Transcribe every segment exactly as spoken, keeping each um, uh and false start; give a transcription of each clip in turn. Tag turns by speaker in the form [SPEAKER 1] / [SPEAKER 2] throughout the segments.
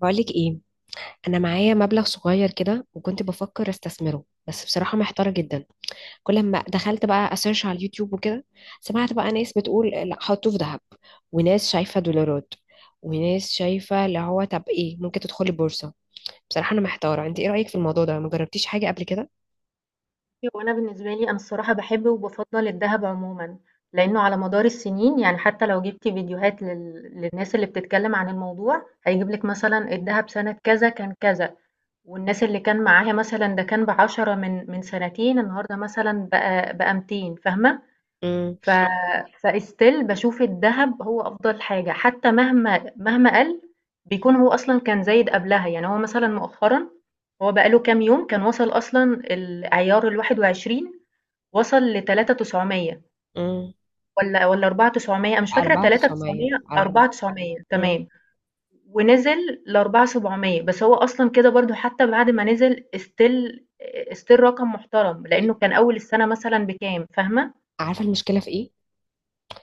[SPEAKER 1] بقولك ايه؟ انا معايا مبلغ صغير كده، وكنت بفكر استثمره، بس بصراحه محتاره جدا. كل ما دخلت بقى اسيرش على اليوتيوب وكده، سمعت بقى ناس بتقول لا، حطوه في ذهب، وناس شايفه دولارات، وناس شايفه اللي هو طب ايه، ممكن تدخلي بورصه. بصراحه انا محتاره، انت ايه رايك في الموضوع ده؟ ما جربتيش حاجه قبل كده؟
[SPEAKER 2] وانا بالنسبه لي انا الصراحه بحب وبفضل الذهب عموما، لانه على مدار السنين يعني حتى لو جبتي فيديوهات لل... للناس اللي بتتكلم عن الموضوع هيجيب لك مثلا الذهب سنه كذا كان كذا، والناس اللي كان معاها مثلا ده كان بعشرة من من سنتين النهارده مثلا بقى بقى ميتين، فاهمه؟
[SPEAKER 1] امم.
[SPEAKER 2] ف فاستيل بشوف الذهب هو افضل حاجه حتى مهما مهما قل، بيكون هو اصلا كان زايد قبلها، يعني هو مثلا مؤخرا هو بقاله كام يوم كان وصل اصلا العيار الواحد وعشرين، وصل ل3900
[SPEAKER 1] امم.
[SPEAKER 2] والّا والّا أربعة آلاف وتسعمية، أنا مش فاكرة
[SPEAKER 1] اربعه تلاف وتسعميه،
[SPEAKER 2] تلاتة آلاف وتسعمية
[SPEAKER 1] اربعه.
[SPEAKER 2] أربعة آلاف وتسعمية،
[SPEAKER 1] امم.
[SPEAKER 2] تمام، ونزل ل4700، بس هو أصلًا كده برضه حتى بعد ما نزل still still رقم محترم، لإنه كان أول السنة مثلًا بكام، فاهمة؟
[SPEAKER 1] عارفه المشكله في ايه؟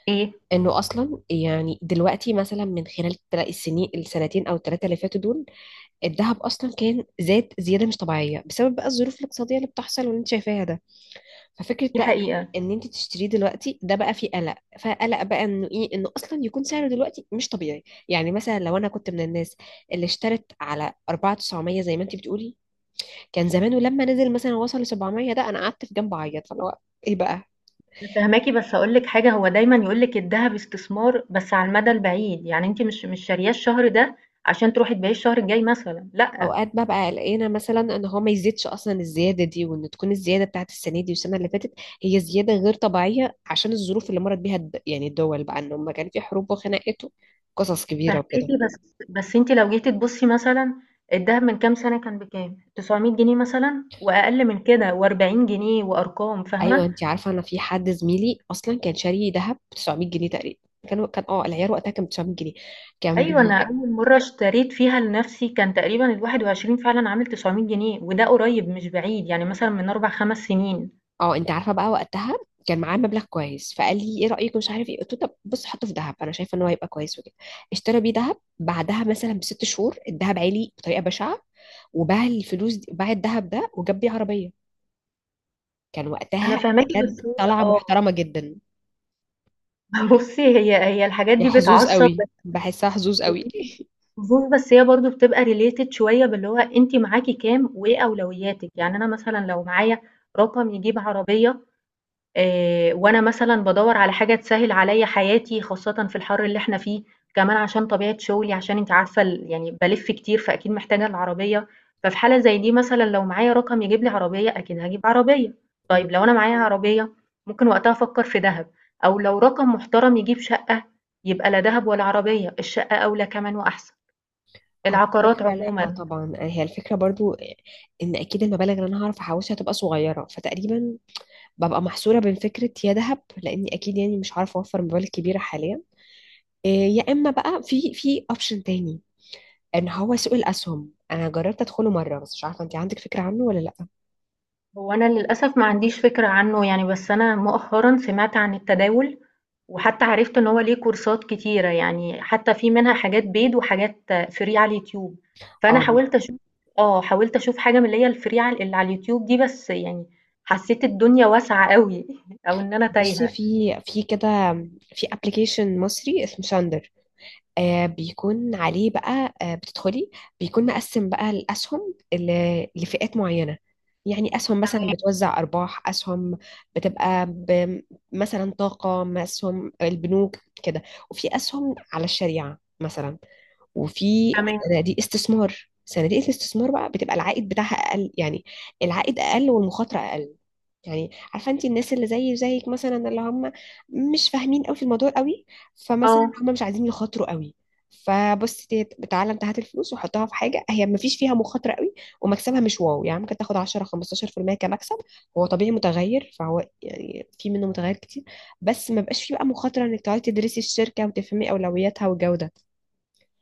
[SPEAKER 2] إيه؟
[SPEAKER 1] انه اصلا يعني دلوقتي مثلا من خلال التلا- السنين، السنتين او الثلاثه اللي فاتوا دول، الذهب اصلا كان زاد زياده مش طبيعيه، بسبب بقى الظروف الاقتصاديه اللي بتحصل واللي انت شايفاها ده. ففكره
[SPEAKER 2] دي
[SPEAKER 1] بقى ان
[SPEAKER 2] حقيقة.
[SPEAKER 1] إن انت تشتريه دلوقتي ده بقى فيه قلق. فقلق بقى انه ايه، انه اصلا يكون سعره دلوقتي مش طبيعي. يعني مثلا لو انا كنت من الناس اللي اشترت على اربعه تلاف وتسعميه زي ما انت بتقولي، كان زمانه لما نزل مثلا وصل ل سبعمئة، ده انا قعدت في جنب اعيط. فاللي هو ايه بقى.
[SPEAKER 2] أنا فاهماكِ بس هاقول لِك حاجة، هو دايمًا يقول لِك الدهب استثمار بس على المدى البعيد، يعني أنتِ مش مش شارياه الشهر ده عشان تروحي تبيعيه الشهر الجاي مثلًا، لأ.
[SPEAKER 1] اوقات ببقى قلقانه مثلا ان هو ما يزيدش اصلا الزياده دي، وان تكون الزياده بتاعت السنه دي والسنه اللي فاتت هي زياده غير طبيعيه، عشان الظروف اللي مرت بيها الد- يعني الدول، بقى ان هم كان في حروب وخناقات وقصص كبيره
[SPEAKER 2] فاهماكِ،
[SPEAKER 1] وكده.
[SPEAKER 2] بس بس أنتِ لو جيتِ تبُصّي مثلًا الدهب من كام سنة كان بكام؟ تسعمية جنيه مثلًا وأقل من كده، و40 جنيه، وأرقام،
[SPEAKER 1] ايوه،
[SPEAKER 2] فاهمة؟
[SPEAKER 1] انت عارفه انا في حد زميلي اصلا كان شاري ذهب تسعميه جنيه تقريبا. كان كان اه، العيار وقتها كان تسعميه جنيه، كان
[SPEAKER 2] أيوه،
[SPEAKER 1] بي
[SPEAKER 2] أنا أول مرّة اشتريت فيها لنَفْسي كان تقريبًا ال21 فعلًا عامل تسعمية جنيه وده قريب مش بعيد، يعني مثلًا من أربع، خمس سنين.
[SPEAKER 1] اه، انت عارفه بقى وقتها كان معاه مبلغ كويس، فقال لي ايه رايك مش عارف ايه، قلت له طب بص، حطه في ذهب، انا شايفه ان هو هيبقى كويس وكده. اشترى بيه ذهب، بعدها مثلا بست شهور الذهب عالي بطريقه بشعه، وباع الفلوس دي، باع الذهب ده وجاب بيه عربية. كان
[SPEAKER 2] أنا
[SPEAKER 1] وقتها
[SPEAKER 2] فاهماكِ،
[SPEAKER 1] بجد
[SPEAKER 2] بس هو
[SPEAKER 1] طلعة
[SPEAKER 2] آه.
[SPEAKER 1] محترمة جدا.
[SPEAKER 2] بُصّي، هي هي الحاجات
[SPEAKER 1] يا
[SPEAKER 2] دي
[SPEAKER 1] حظوظ
[SPEAKER 2] بتعصّب،
[SPEAKER 1] قوي، بحسها حظوظ قوي.
[SPEAKER 2] طموح، بس هي برضه بتبقى related شوية باللي هو أنتِ معاكِ كام وإيه أولوياتِك، يعني أنا مثلًا لو معايا رقم يجيب عربية، آآ وأنا مثلًا بادوّر على حاجة تسهّل عليّا حياتي، خاصةً في الحَر اللي إحنا فيه، كمان عشان طبيعة شُغلي، عشان أنتِ عارفة ال يعني بالِف كتير، فأكيد محتاجة العربية، ففي حالة زي دي مثلًا لو معايا رقم يجيب لي عربية، أكيد هاجيب عربية. طيب لو أنا معايا عربية، ممكن وقتها أفكّر في دهب، أو لو رقم محترم يجيب شقة، يبقى لا دهب ولا عربية، الشقة أولى كمان وأحسن.
[SPEAKER 1] هو
[SPEAKER 2] العقارات
[SPEAKER 1] فكرة. لا، آه
[SPEAKER 2] عمومًا.
[SPEAKER 1] طبعا هي الفكرة برضو، ان اكيد المبالغ اللي انا هعرف احوشها هتبقى صغيرة. فتقريبا ببقى محصورة بين فكرة يا ذهب، لاني اكيد يعني مش عارفة اوفر مبالغ كبيرة حاليا. إيه، يا اما بقى في في اوبشن تاني، ان هو سوق الاسهم. انا جربت ادخله مرة، بس مش عارفة انت عندك فكرة عنه ولا لا؟
[SPEAKER 2] هو أنا للأسف ما عنديش فكرة عنّه يعني، بس أنا مؤخرًا سمعت عن التداول، وحتى عرفت إن هو ليه كورسات كتيرة، يعني حتى في منها حاجات paid وحاجات free على اليوتيوب، فأنا
[SPEAKER 1] اه،
[SPEAKER 2] حاولت أشوف. آه، حاولت أشوف حاجة من اللي هي الfree عل اللي على اليوتيوب دي، بس يعني حسيت الدنيا واسعة أوي أو إن أنا
[SPEAKER 1] بصي
[SPEAKER 2] تايهة.
[SPEAKER 1] في في كده، في ابلكيشن مصري اسمه ساندر. آه بيكون عليه بقى، آه بتدخلي، بيكون مقسم بقى الاسهم ل- لفئات معينه. يعني اسهم مثلا بتوزع ارباح، اسهم بتبقى ب- مثلا طاقه، اسهم البنوك كده، وفي اسهم على الشريعه مثلا، وفي
[SPEAKER 2] تمام.
[SPEAKER 1] صناديق استثمار صناديق الاستثمار. بقى بتبقى العائد بتاعها اقل، يعني العائد اقل والمخاطره اقل. يعني عارفه انت، الناس اللي زي زيك مثلا اللي هم مش فاهمين قوي في الموضوع قوي، فمثلا
[SPEAKER 2] آه،
[SPEAKER 1] هم مش عايزين يخاطروا قوي. فبص، تيت- تعالى انت هات الفلوس وحطها في حاجه هي ما فيش فيها مخاطره قوي، ومكسبها مش واو، يعني ممكن تاخد عشرة خمستاشر في الميه كمكسب. هو طبيعي متغير، فهو يعني في منه متغير كتير، بس ما بقاش فيه بقى مخاطره انك تقعدي تدرسي الشركه وتفهمي اولوياتها والجوده.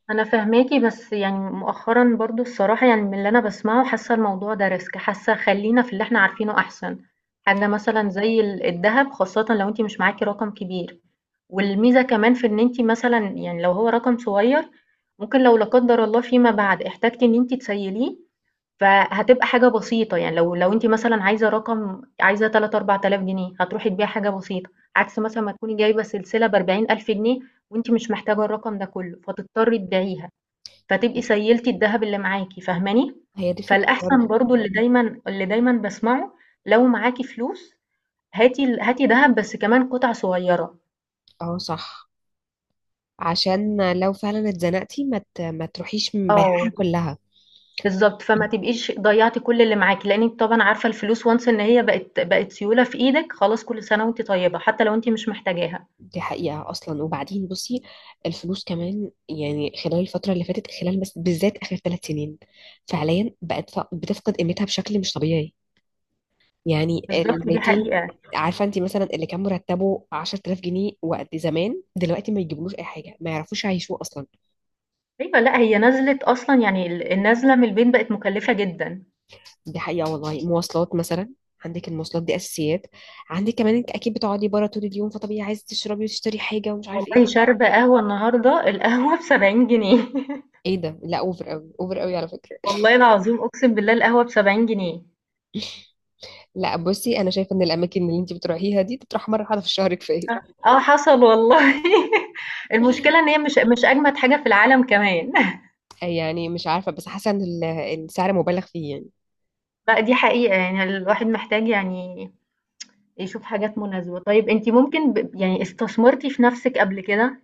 [SPEAKER 2] أنا فاهماكِ، بس يعني مؤخرًا برضه الصراحة يعني من اللي أنا باسمعه حاسة الموضوع ده risk، حاسة خلّينا في اللي إحنا عارفينه أحسن، حاجة مثلًا زي ال الدهب خاصةً لو أنتِ مش معاكِ رقم كبير. والميزة كمان في إن أنتِ مثلًا يعني لو هو رقم صغير، ممكن لو لا قدّر الله فيما بعد احتجتِ إن أنتِ تسيّليه، فهتبقى حاجة بسيطة، يعني لو لو أنتِ مثلًا عايزة رقم، عايزة ثلاثة آلاف، أربعة آلاف جنيه، هتروحي تبيعي حاجة بسيطة، عكس مثلًا ما تكوني جايبة سلسلة ب40,000 جنيه وأنتِ مش محتاجة الرقم ده كلّه، فتضطري تبيعيها، فتبقي سيّلتِ الدهب اللي معاكِ، فاهماني؟
[SPEAKER 1] هي دي فكرة
[SPEAKER 2] فالأحسن
[SPEAKER 1] برضو.
[SPEAKER 2] برضه اللي دايمًا اللي دايمًا باسمعه، لو معاكِ فلوس هاتي ال هاتي دهب بس كمان قطع صغيرة.
[SPEAKER 1] اه، صح. عشان لو فعلا اتزنقتي ما ت- ما تروحيش من بيعها
[SPEAKER 2] آه،
[SPEAKER 1] كلها.
[SPEAKER 2] بالضبط، فما تبقيش ضيّعتِ كل اللي معاكِ، لإنِّك طبعًا عارفة الفلوس once إن هي بقت بقت سيولة في إيدِك، خلاص كل سنة وأنتِ طيبة، حتى لو أنتِ مش محتاجاها.
[SPEAKER 1] دي حقيقة أصلا. وبعدين بصي، الفلوس كمان يعني خلال الفترة اللي فاتت، خلال بس بالذات آخر ثلاث سنين، فعليا بقت ف- بتفقد قيمتها بشكل مش طبيعي. يعني ال
[SPEAKER 2] بالضبط، دي
[SPEAKER 1] ميتين.
[SPEAKER 2] حقيقة.
[SPEAKER 1] عارفة انت مثلا اللي كان مرتبه عشرتلاف جنيه وقت زمان، دلوقتي ما يجيبلوش أي حاجة، ما يعرفوش يعيشوه أصلا.
[SPEAKER 2] أيوه، لأ هي نزلِت أصلًا، يعني ال النازلة من البيت بقت مُكلّفة جدًا.
[SPEAKER 1] دي حقيقة والله. مواصلات مثلا، عندك المواصلات دي أساسيات، عندك كمان أنت أكيد بتقعدي بره طول اليوم، فطبيعي عايزة تشربي وتشتري حاجة ومش عارف إيه
[SPEAKER 2] والله
[SPEAKER 1] بتاع.
[SPEAKER 2] شاربة قهوة النهارده، القهوة ب70 جنيه.
[SPEAKER 1] إيه ده؟ لا، أوفر أوي، أوفر أوي على فكرة.
[SPEAKER 2] والله العظيم أقسم بالله القهوة ب70 جنيه.
[SPEAKER 1] لا بصي، أنا شايفة إن الأماكن اللي أنت بتروحيها دي تروح مرة واحدة في الشهر كفاية.
[SPEAKER 2] آه حصل والله. المشكلة إن هي مش مش أجمد حاجة في العالم كمان.
[SPEAKER 1] يعني مش عارفة، بس حاسة إن ال- السعر مبالغ فيه يعني.
[SPEAKER 2] لأ دي حقيقة، يعني الواحد محتاج يعني يشوف حاجات مناسبة. طيب أنتِ ممكن ب يعني استثمرتِ في نفسِك قبل كده،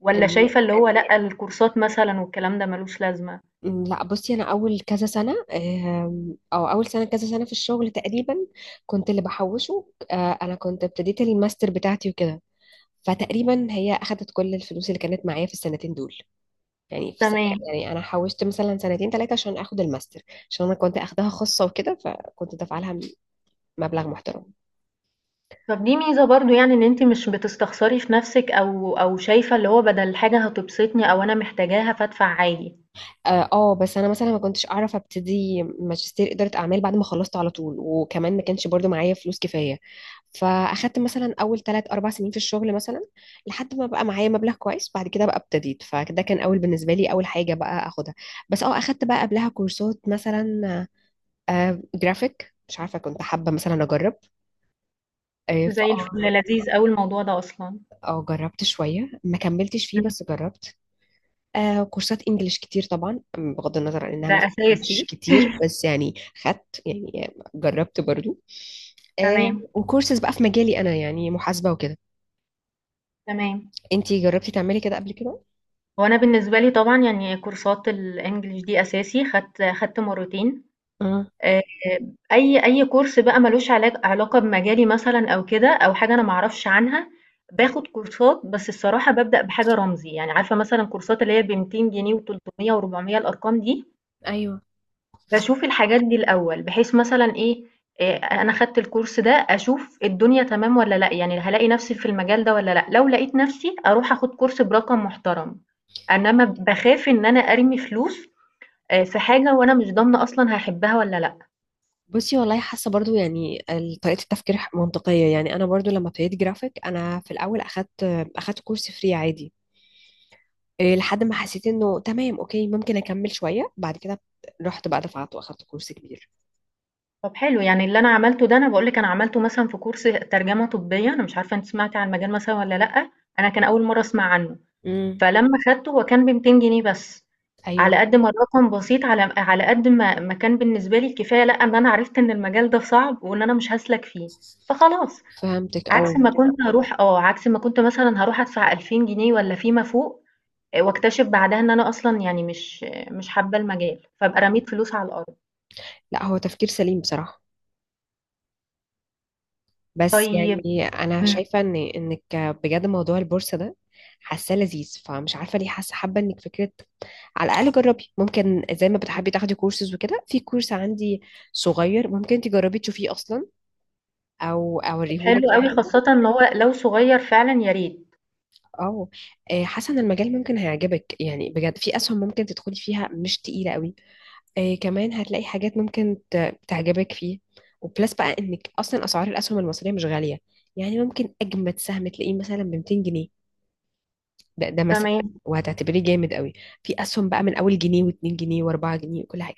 [SPEAKER 2] والّا
[SPEAKER 1] إن-
[SPEAKER 2] شايفة اللي هو لأ، الكورسات مثلًا والكلام ده ما لوش لازمة؟
[SPEAKER 1] لا بصي، أنا أول كذا سنة، آم، أو أول سنة كذا سنة في الشغل تقريبا، كنت اللي بحوشه. آه، أنا كنت ابتديت الماستر بتاعتي وكده، فتقريبا هي اخدت كل الفلوس اللي كانت معايا في السنتين دول. يعني في سنة،
[SPEAKER 2] تمام.
[SPEAKER 1] يعني انا حوشت مثلا سنتين ثلاثه عشان اخد الماستر، عشان انا كنت اخدها خاصه وكده، فكنت دافعه لها مبلغ محترم.
[SPEAKER 2] طب دي ميزة برضه يعني إن أنتِ مش بتستخسري في نفسِك، أو أو شايفة اللي هو بدل حاجة هتبسطني أو أنا محتاجاها فادفع عادي.
[SPEAKER 1] اه، آه، بس انا مثلا ما كنتش اعرف ابتدي ماجستير اداره اعمال بعد ما خلصت على طول، وكمان ما كانش برضو معايا فلوس كفايه. فاخدت مثلا اول ثلاث اربع سنين في الشغل مثلا لحد ما بقى معايا مبلغ كويس. بعد كده بقى ابتديت، فده كان اول، بالنسبه لي اول حاجه بقى اخدها. بس اه اخدت بقى قبلها كورسات مثلا، آه جرافيك مش عارفة، كنت حابة مثلا أجرب. آه
[SPEAKER 2] زي الفل،
[SPEAKER 1] فأه
[SPEAKER 2] لذيذ أوي الموضوع ده أصلًا.
[SPEAKER 1] أه آه، جربت شوية، ما كملتش فيه
[SPEAKER 2] إمم.
[SPEAKER 1] بس جربت. آه كورسات إنجليش كتير طبعا، بغض النظر عن إنها مش
[SPEAKER 2] ده
[SPEAKER 1] مش
[SPEAKER 2] أساسي.
[SPEAKER 1] كتير، بس يعني خدت، يعني جربت برضو. آه.
[SPEAKER 2] تمام،
[SPEAKER 1] وكورسز بقى في مجالي أنا، يعني محاسبة وكده.
[SPEAKER 2] تمام.
[SPEAKER 1] أنتي جربتي تعملي كده قبل كده؟
[SPEAKER 2] هو أنا بالنسبة لي طبعًا يعني كورسات الEnglish دي أساسي، خدت خدت مرّتين.
[SPEAKER 1] اه.
[SPEAKER 2] آآ أي أي كورس بقى مالوش علاج علاقة بمجالي مثلًا أو كده، أو حاجة أنا ما أعرفش عنها، باخد كورسات بس الصراحة بابدأ بحاجة رمزي، يعني عارفة مثلًا كورسات اللي هي ب200 جنيه و300 و400، الأرقام دي،
[SPEAKER 1] ايوه.
[SPEAKER 2] باشوف الحاجات دي الأول، بحيث مثلًا إيه، آآ أنا خدت الكورس ده أشوف الدنيا تمام والّا لأ، يعني هالاقي نفسي في المجال ده والّا لأ، لو لقيت نفسي أروح آخد كورس برقم محترم، إنما باخاف إن أنا أرمي فلوس آآ في حاجة وأنا مش ضامنة أصلًا هاحبها والّا لأ.
[SPEAKER 1] بصي، والله حاسه برضو يعني ال- طريقه التفكير منطقيه. يعني انا برضو لما ابتديت جرافيك انا في الاول اخدت اخدت كورس فري عادي. إيه، لحد ما حسيت انه تمام، اوكي، ممكن اكمل شويه. بعد كده رحت بقى دفعت واخدت كورس كبير.
[SPEAKER 2] طب حلو، يعني اللي أنا عملته ده أنا باقول لِك، أنا عملته مثلًا في كورس ترجمة طبية، أنا مش عارفة أنتِ سمعتِ عن المجال مثلًا والّا لأ، أنا كان أول مرّة أسمع عنه،
[SPEAKER 1] امم.
[SPEAKER 2] فلمّا خدته هو كان ب200 جنيه بس، على
[SPEAKER 1] ايوه.
[SPEAKER 2] قد ما الرقم بسيط، على على قد ما ما كان بالنسبة لي الكفاية لأ، إن أنا عرفت إن المجال ده صعب وإن أنا مش هاسلك فيه، فخلاص،
[SPEAKER 1] فهمتك
[SPEAKER 2] عكس
[SPEAKER 1] او
[SPEAKER 2] ما كنت هاروح آه، عكس ما كنت مثلًا هاروح أدفع ألفين جنيه والّا فيما فوق، آآ واكتشف بعدها إن أنا أصلًا يعني مش مش حابة المجال، فابقى رميت فلوس على الأرض.
[SPEAKER 1] لا، هو تفكير سليم بصراحه. بس
[SPEAKER 2] طيب
[SPEAKER 1] يعني انا شايفه ان انك، بجد موضوع البورصه ده حاساه لذيذ، فمش عارفه ليه حاسه حابه انك فكره، على الاقل جربي. ممكن زي ما بتحبي تاخدي كورسز وكده، في كورس عندي صغير ممكن تجربي تشوفيه اصلا، او
[SPEAKER 2] حلو
[SPEAKER 1] اوريهولك
[SPEAKER 2] أوي،
[SPEAKER 1] يعني.
[SPEAKER 2] خاصةً إن هو لو صغير فعلًا يا ريت.
[SPEAKER 1] اه، آه، حاسه ان المجال ممكن هيعجبك يعني، بجد في اسهم ممكن تدخلي فيها مش تقيله قوي. آه، كمان هتلاقي حاجات ممكن ت- تعجبك فيه. وبلس بقى انك اصلا اسعار الاسهم المصريه مش غاليه، يعني ممكن اجمد سهم تلاقيه مثلا ب ميتين جنيه ده, ده, مثلا،
[SPEAKER 2] تمام،
[SPEAKER 1] وهتعتبريه جامد قوي. في اسهم بقى من اول جنيه و2 جنيه و4 جنيه وكل حاجه.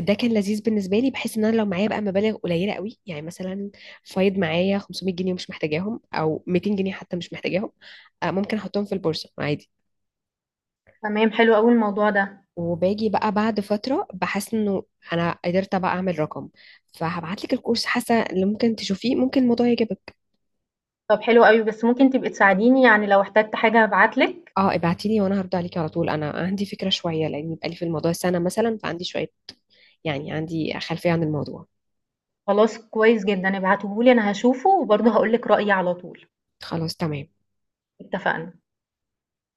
[SPEAKER 1] ده كان لذيذ بالنسبه لي، بحيث ان انا لو معايا بقى مبالغ قليله قوي، يعني مثلا فايض معايا خمسمئة جنيه ومش محتاجاهم، او ميتين جنيه حتى مش محتاجاهم، آه، ممكن احطهم في البورصه عادي.
[SPEAKER 2] تمام، حلو أوي الموضوع ده.
[SPEAKER 1] وباجي بقى بعد فترة بحس انه انا قدرت بقى اعمل رقم، فهبعت لك الكورس، حاسة اللي ممكن تشوفيه، ممكن الموضوع يعجبك.
[SPEAKER 2] طب حلو أوي، بس ممكن تبقي تساعديني يعني لو احتجت حاجة هابعت لِك؟
[SPEAKER 1] اه، ابعتي لي وانا هرد عليكي على طول. انا عندي فكرة شوية، لاني بقالي في الموضوع سنة مثلا، فعندي شوية، يعني عندي خلفية عن الموضوع.
[SPEAKER 2] خلاص كويس جدًا، ابعتيه لي أنا هاشوفه وبرضه هاقول لِك رأيي على طول.
[SPEAKER 1] خلاص، تمام.
[SPEAKER 2] اتفقنا.